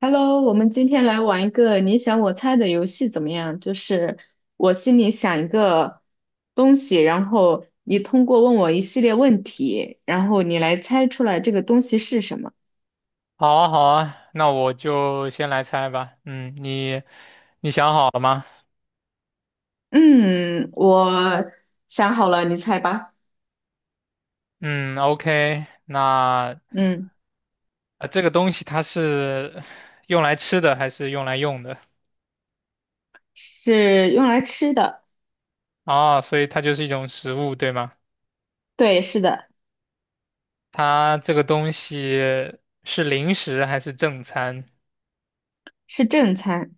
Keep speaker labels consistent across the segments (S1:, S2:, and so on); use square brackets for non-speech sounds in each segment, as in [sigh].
S1: Hello，我们今天来玩一个你想我猜的游戏怎么样？就是我心里想一个东西，然后你通过问我一系列问题，然后你来猜出来这个东西是什么。
S2: 好啊，好啊，那我就先来猜吧。嗯，你想好了吗？
S1: 嗯，我想好了，你猜吧。
S2: 嗯，OK，那
S1: 嗯，
S2: 这个东西它是用来吃的还是用来用的？
S1: 是用来吃的。
S2: 哦，所以它就是一种食物，对吗？
S1: 对，是的。
S2: 它这个东西是零食还是正餐
S1: 是正餐。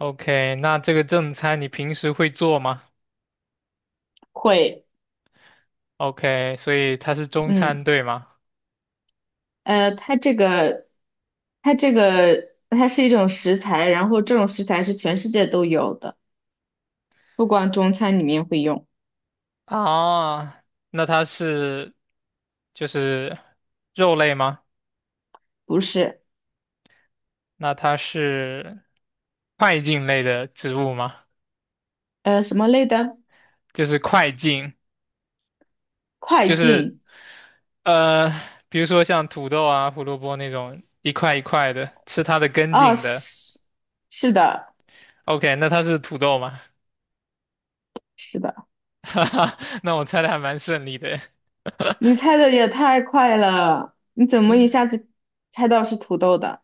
S2: ？OK，那这个正餐你平时会做吗
S1: 会。
S2: ？OK，所以它是中
S1: 嗯，
S2: 餐，对吗？
S1: 呃，它这个，它这个，它是一种食材，然后这种食材是全世界都有的。不光中餐里面会用。
S2: 啊，那它是就是肉类吗？
S1: 不是。
S2: 那它是块茎类的植物吗？
S1: 呃，什么类的？
S2: 就是块茎，
S1: 快
S2: 就是
S1: 进。
S2: 呃，比如说像土豆啊、胡萝卜那种一块一块的，吃它的根
S1: 哦，
S2: 茎的。
S1: 是的，
S2: OK，那它是土豆吗？
S1: 是的。
S2: [laughs] 哈哈，那我猜的还蛮顺利的。
S1: 你猜的也太快了，你怎么一下子猜到是土豆的？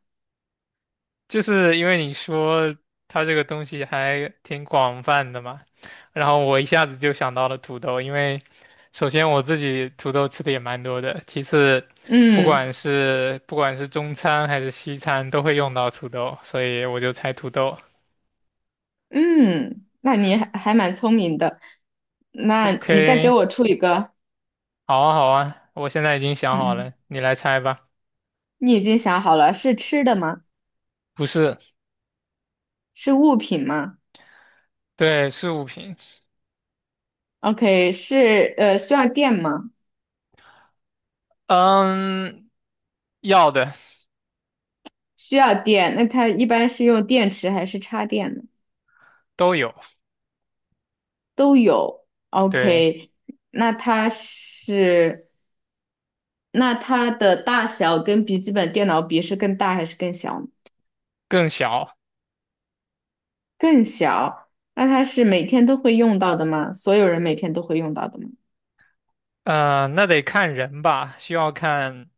S2: 就是因为你说它这个东西还挺广泛的嘛，然后我一下子就想到了土豆，因为首先我自己土豆吃的也蛮多的，其次不
S1: 嗯
S2: 管是不管是中餐还是西餐都会用到土豆，所以我就猜土豆。
S1: 嗯，那你还蛮聪明的，那你再给
S2: OK，
S1: 我出一个。
S2: 好啊好啊，我现在已经想好
S1: 嗯，
S2: 了，你来猜吧。
S1: 你已经想好了，是吃的吗？
S2: 不是，
S1: 是物品吗
S2: 对，是物品，
S1: ？OK，是需要电吗？
S2: 嗯，要的
S1: 需要电，那它一般是用电池还是插电呢？
S2: 都有，
S1: 都有。
S2: 对，
S1: OK，那它是，那它的大小跟笔记本电脑比是更大还是更小呢？
S2: 更小。
S1: 更小。那它是每天都会用到的吗？所有人每天都会用到的吗
S2: 那得看人吧，需要看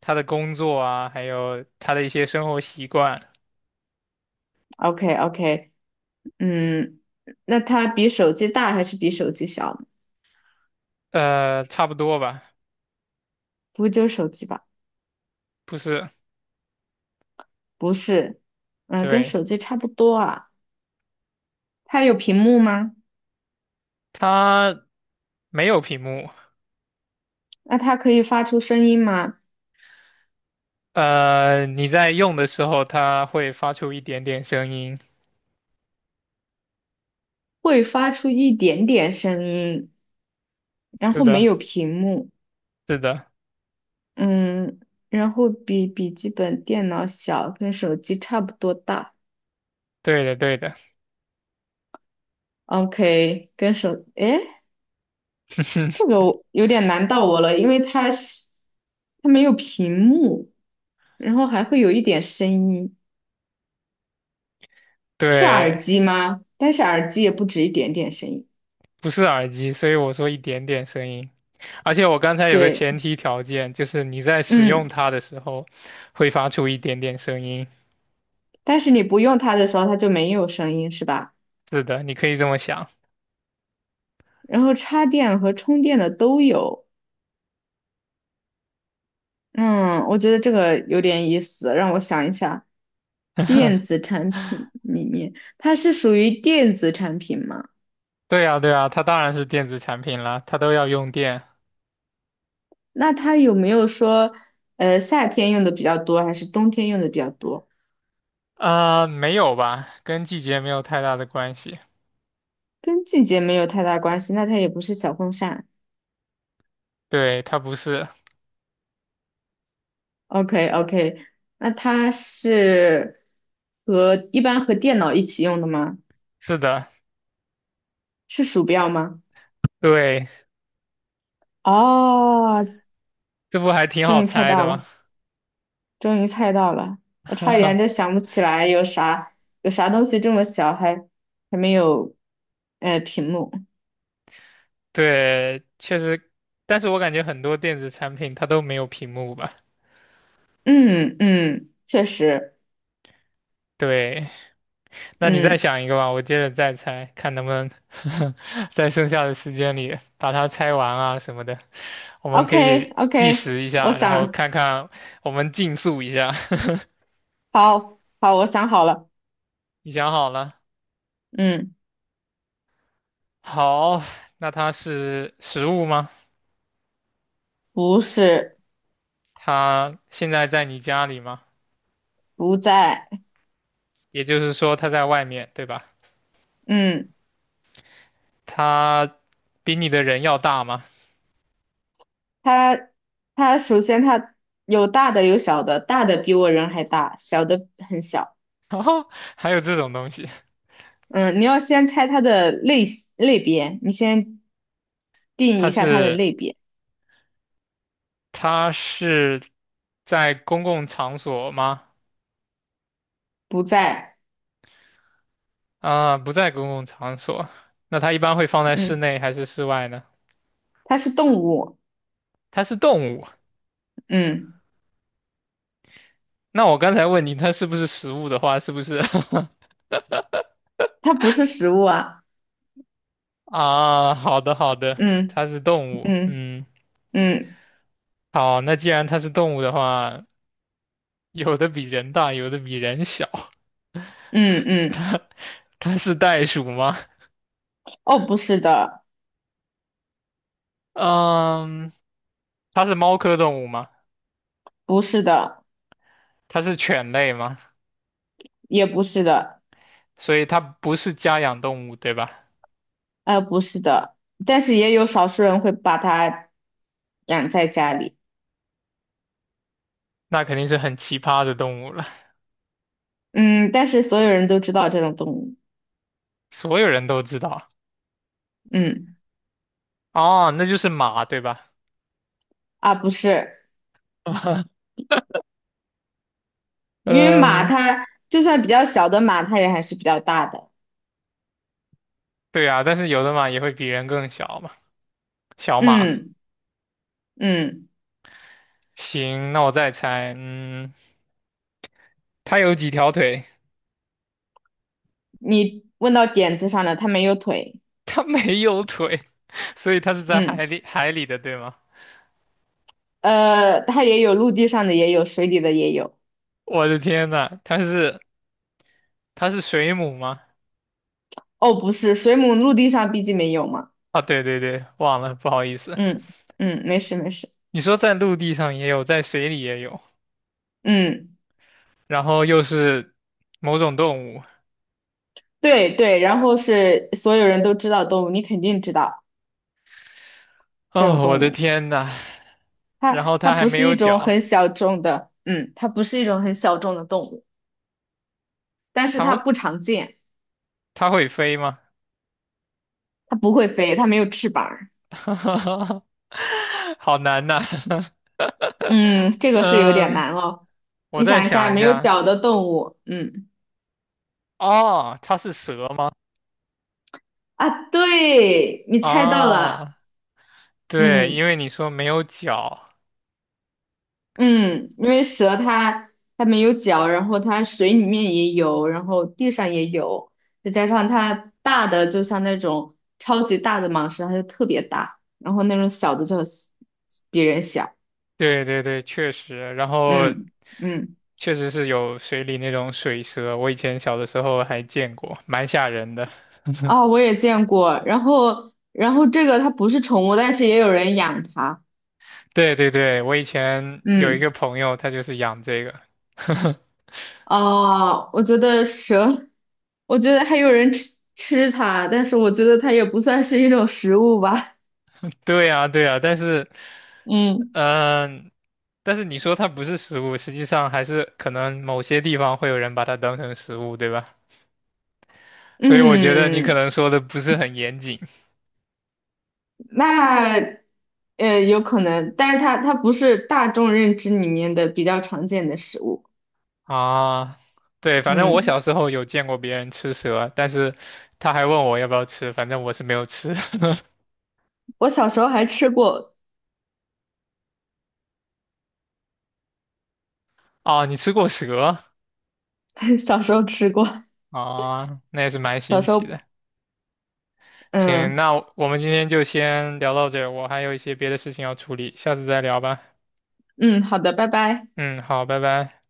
S2: 他的工作啊，还有他的一些生活习惯，
S1: ？OK OK，嗯，那它比手机大还是比手机小呢？
S2: 差不多吧，
S1: 不会就是手机吧？
S2: 不是，
S1: 不是，嗯，跟
S2: 对，
S1: 手机差不多啊。它有屏幕吗？
S2: 它没有屏幕，
S1: 那它可以发出声音吗？
S2: 你在用的时候，它会发出一点点声音，
S1: 会发出一点点声音，然
S2: 是
S1: 后没
S2: 的，
S1: 有屏幕。
S2: 是的，
S1: 嗯，然后比笔记本电脑小，跟手机差不多大。
S2: 对的，对的，
S1: OK，跟手，诶，这
S2: [laughs]
S1: 个我有点难到我了，因为它没有屏幕，然后还会有一点声音。是耳
S2: 对，
S1: 机吗？但是耳机也不止一点点声音。
S2: 不是耳机，所以我说一点点声音，而且我刚才有个
S1: 对。
S2: 前提条件，就是你在使用
S1: 嗯，
S2: 它的时候，会发出一点点声音，
S1: 但是你不用它的时候，它就没有声音，是吧？
S2: 是的，你可以这么想。
S1: 然后插电和充电的都有。嗯，我觉得这个有点意思，让我想一下。电子产
S2: [laughs]
S1: 品里面，它是属于电子产品吗？
S2: 对呀，对呀，它当然是电子产品了，它都要用电。
S1: 那它有没有说，呃，夏天用的比较多，还是冬天用的比较多？
S2: 没有吧，跟季节没有太大的关系。
S1: 跟季节没有太大关系，那它也不是小风扇。
S2: 对，它不是，
S1: OK OK，那它是一般和电脑一起用的吗？
S2: 是的，
S1: 是鼠标吗？
S2: 对，
S1: 哦，
S2: 这不还挺
S1: 终
S2: 好
S1: 于猜
S2: 猜
S1: 到
S2: 的吗？
S1: 了，终于猜到了，我差一点就
S2: [laughs]
S1: 想不起来有啥有啥东西这么小还没有屏幕。
S2: 对，确实，但是我感觉很多电子产品它都没有屏幕吧？
S1: 嗯嗯，确实。
S2: 对，那你再
S1: 嗯
S2: 想一个吧，我接着再猜，看能不能 [laughs] 在剩下的时间里把它猜完啊什么的。我们可
S1: ，OK
S2: 以计
S1: OK，
S2: 时一
S1: 我
S2: 下，然后
S1: 想，
S2: 看看我们竞速一下。[laughs]
S1: 好好，我想好了。
S2: 你想好了？
S1: 嗯，
S2: 好，那它是食物吗？
S1: 不是。
S2: 它现在在你家里吗？
S1: 不在。
S2: 也就是说，它在外面，对吧？
S1: 嗯，
S2: 它比你的人要大吗？
S1: 他他首先他有大的有小的，大的比我人还大，小的很小。
S2: [laughs] 哦，还有这种东西？
S1: 嗯，你要先猜它的类型类别，你先定
S2: 它
S1: 一下它的
S2: 是
S1: 类别。
S2: 它是在公共场所吗？
S1: 不在。
S2: 啊，不在公共场所。那它一般会放在室
S1: 嗯，
S2: 内还是室外呢？
S1: 它是动物。
S2: 它是动物。
S1: 嗯，
S2: 那我刚才问你，它是不是食物的话，是不是？
S1: 它不是食物啊。
S2: [laughs] 啊，好的好的，
S1: 嗯
S2: 它是动物。
S1: 嗯
S2: 嗯。
S1: 嗯
S2: 好，那既然它是动物的话，有的比人大，有的比人小。
S1: 嗯
S2: [laughs]
S1: 嗯。
S2: 它它是袋鼠吗？
S1: 哦，不是的。
S2: 嗯，它是猫科动物吗？
S1: 不是的。
S2: 它是犬类吗？
S1: 也不是的。
S2: 所以它不是家养动物，对吧？
S1: 呃，不是的，但是也有少数人会把它养在家里。
S2: 那肯定是很奇葩的动物了，
S1: 嗯，但是所有人都知道这种动物。
S2: 所有人都知道。
S1: 嗯，
S2: 哦，那就是马，对吧？
S1: 啊，不是。
S2: [laughs]
S1: 因为马
S2: 嗯，
S1: 它就算比较小的马，它也还是比较大的。
S2: 对啊，但是有的马也会比人更小嘛，小马。
S1: 嗯嗯。
S2: 行，那我再猜，嗯，它有几条腿？
S1: 你问到点子上了，它没有腿。
S2: 它没有腿，所以它是在
S1: 嗯，
S2: 海里的，对吗？
S1: 呃，它也有陆地上的，也有水里的，也有。
S2: 我的天呐，它是水母吗？
S1: 哦，不是，水母陆地上毕竟没有嘛。
S2: 啊，对对对，忘了，不好意思。
S1: 嗯嗯，没事没事。
S2: 你说在陆地上也有，在水里也有，
S1: 嗯。
S2: 然后又是某种动物。
S1: 对对，然后是所有人都知道的动物，你肯定知道这种
S2: 哦，我
S1: 动
S2: 的
S1: 物。
S2: 天呐，然
S1: 它
S2: 后
S1: 它
S2: 它还
S1: 不
S2: 没
S1: 是
S2: 有
S1: 一种
S2: 脚，
S1: 很小众的，嗯，它不是一种很小众的动物，但是
S2: 它
S1: 它
S2: 会
S1: 不常见。
S2: 它会飞吗？
S1: 它不会飞，它没有翅膀儿。
S2: [laughs] 好难呐。
S1: 嗯，这
S2: [laughs]
S1: 个是有点
S2: 嗯，
S1: 难哦。
S2: 我
S1: 你
S2: 再
S1: 想一下，
S2: 想一
S1: 没有
S2: 下。
S1: 脚的动物。嗯
S2: 哦，它是蛇吗？
S1: 啊，对，你猜到了。
S2: 啊，对，
S1: 嗯。
S2: 因为你说没有脚，
S1: 嗯。因为蛇它没有脚，然后它水里面也有，然后地上也有，再加上它大的就像那种超级大的蟒蛇，它就特别大，然后那种小的就比人小。
S2: 对对对，确实，然后
S1: 嗯嗯。
S2: 确实是有水里那种水蛇，我以前小的时候还见过，蛮吓人的。
S1: 啊、
S2: [laughs]
S1: 我也见过。然后这个它不是宠物，但是也有人养它。
S2: 对对对，我以前有一
S1: 嗯，
S2: 个朋友，他就是养这个。[laughs]
S1: 哦，我觉得蛇，我觉得还有人吃它，但是我觉得它也不算是一种食物吧。
S2: 对呀对呀，但是，
S1: 嗯。
S2: 嗯、但是你说它不是食物，实际上还是可能某些地方会有人把它当成食物，对吧？所以我觉得你可
S1: 嗯，
S2: 能说的不是很严谨。
S1: 那呃有可能，但是它不是大众认知里面的比较常见的食物。
S2: 啊，对，反正我
S1: 嗯，
S2: 小时候有见过别人吃蛇，但是他还问我要不要吃，反正我是没有吃。
S1: 我小时候还吃过。
S2: [laughs] 啊，你吃过蛇？
S1: [laughs] 小时候吃过。
S2: 啊，那也是蛮
S1: 小
S2: 新
S1: 时
S2: 奇
S1: 候。
S2: 的。行，
S1: 嗯
S2: 那我们今天就先聊到这儿我还有一些别的事情要处理，下次再聊吧。
S1: 嗯，好的，拜拜。
S2: 嗯，好，拜拜。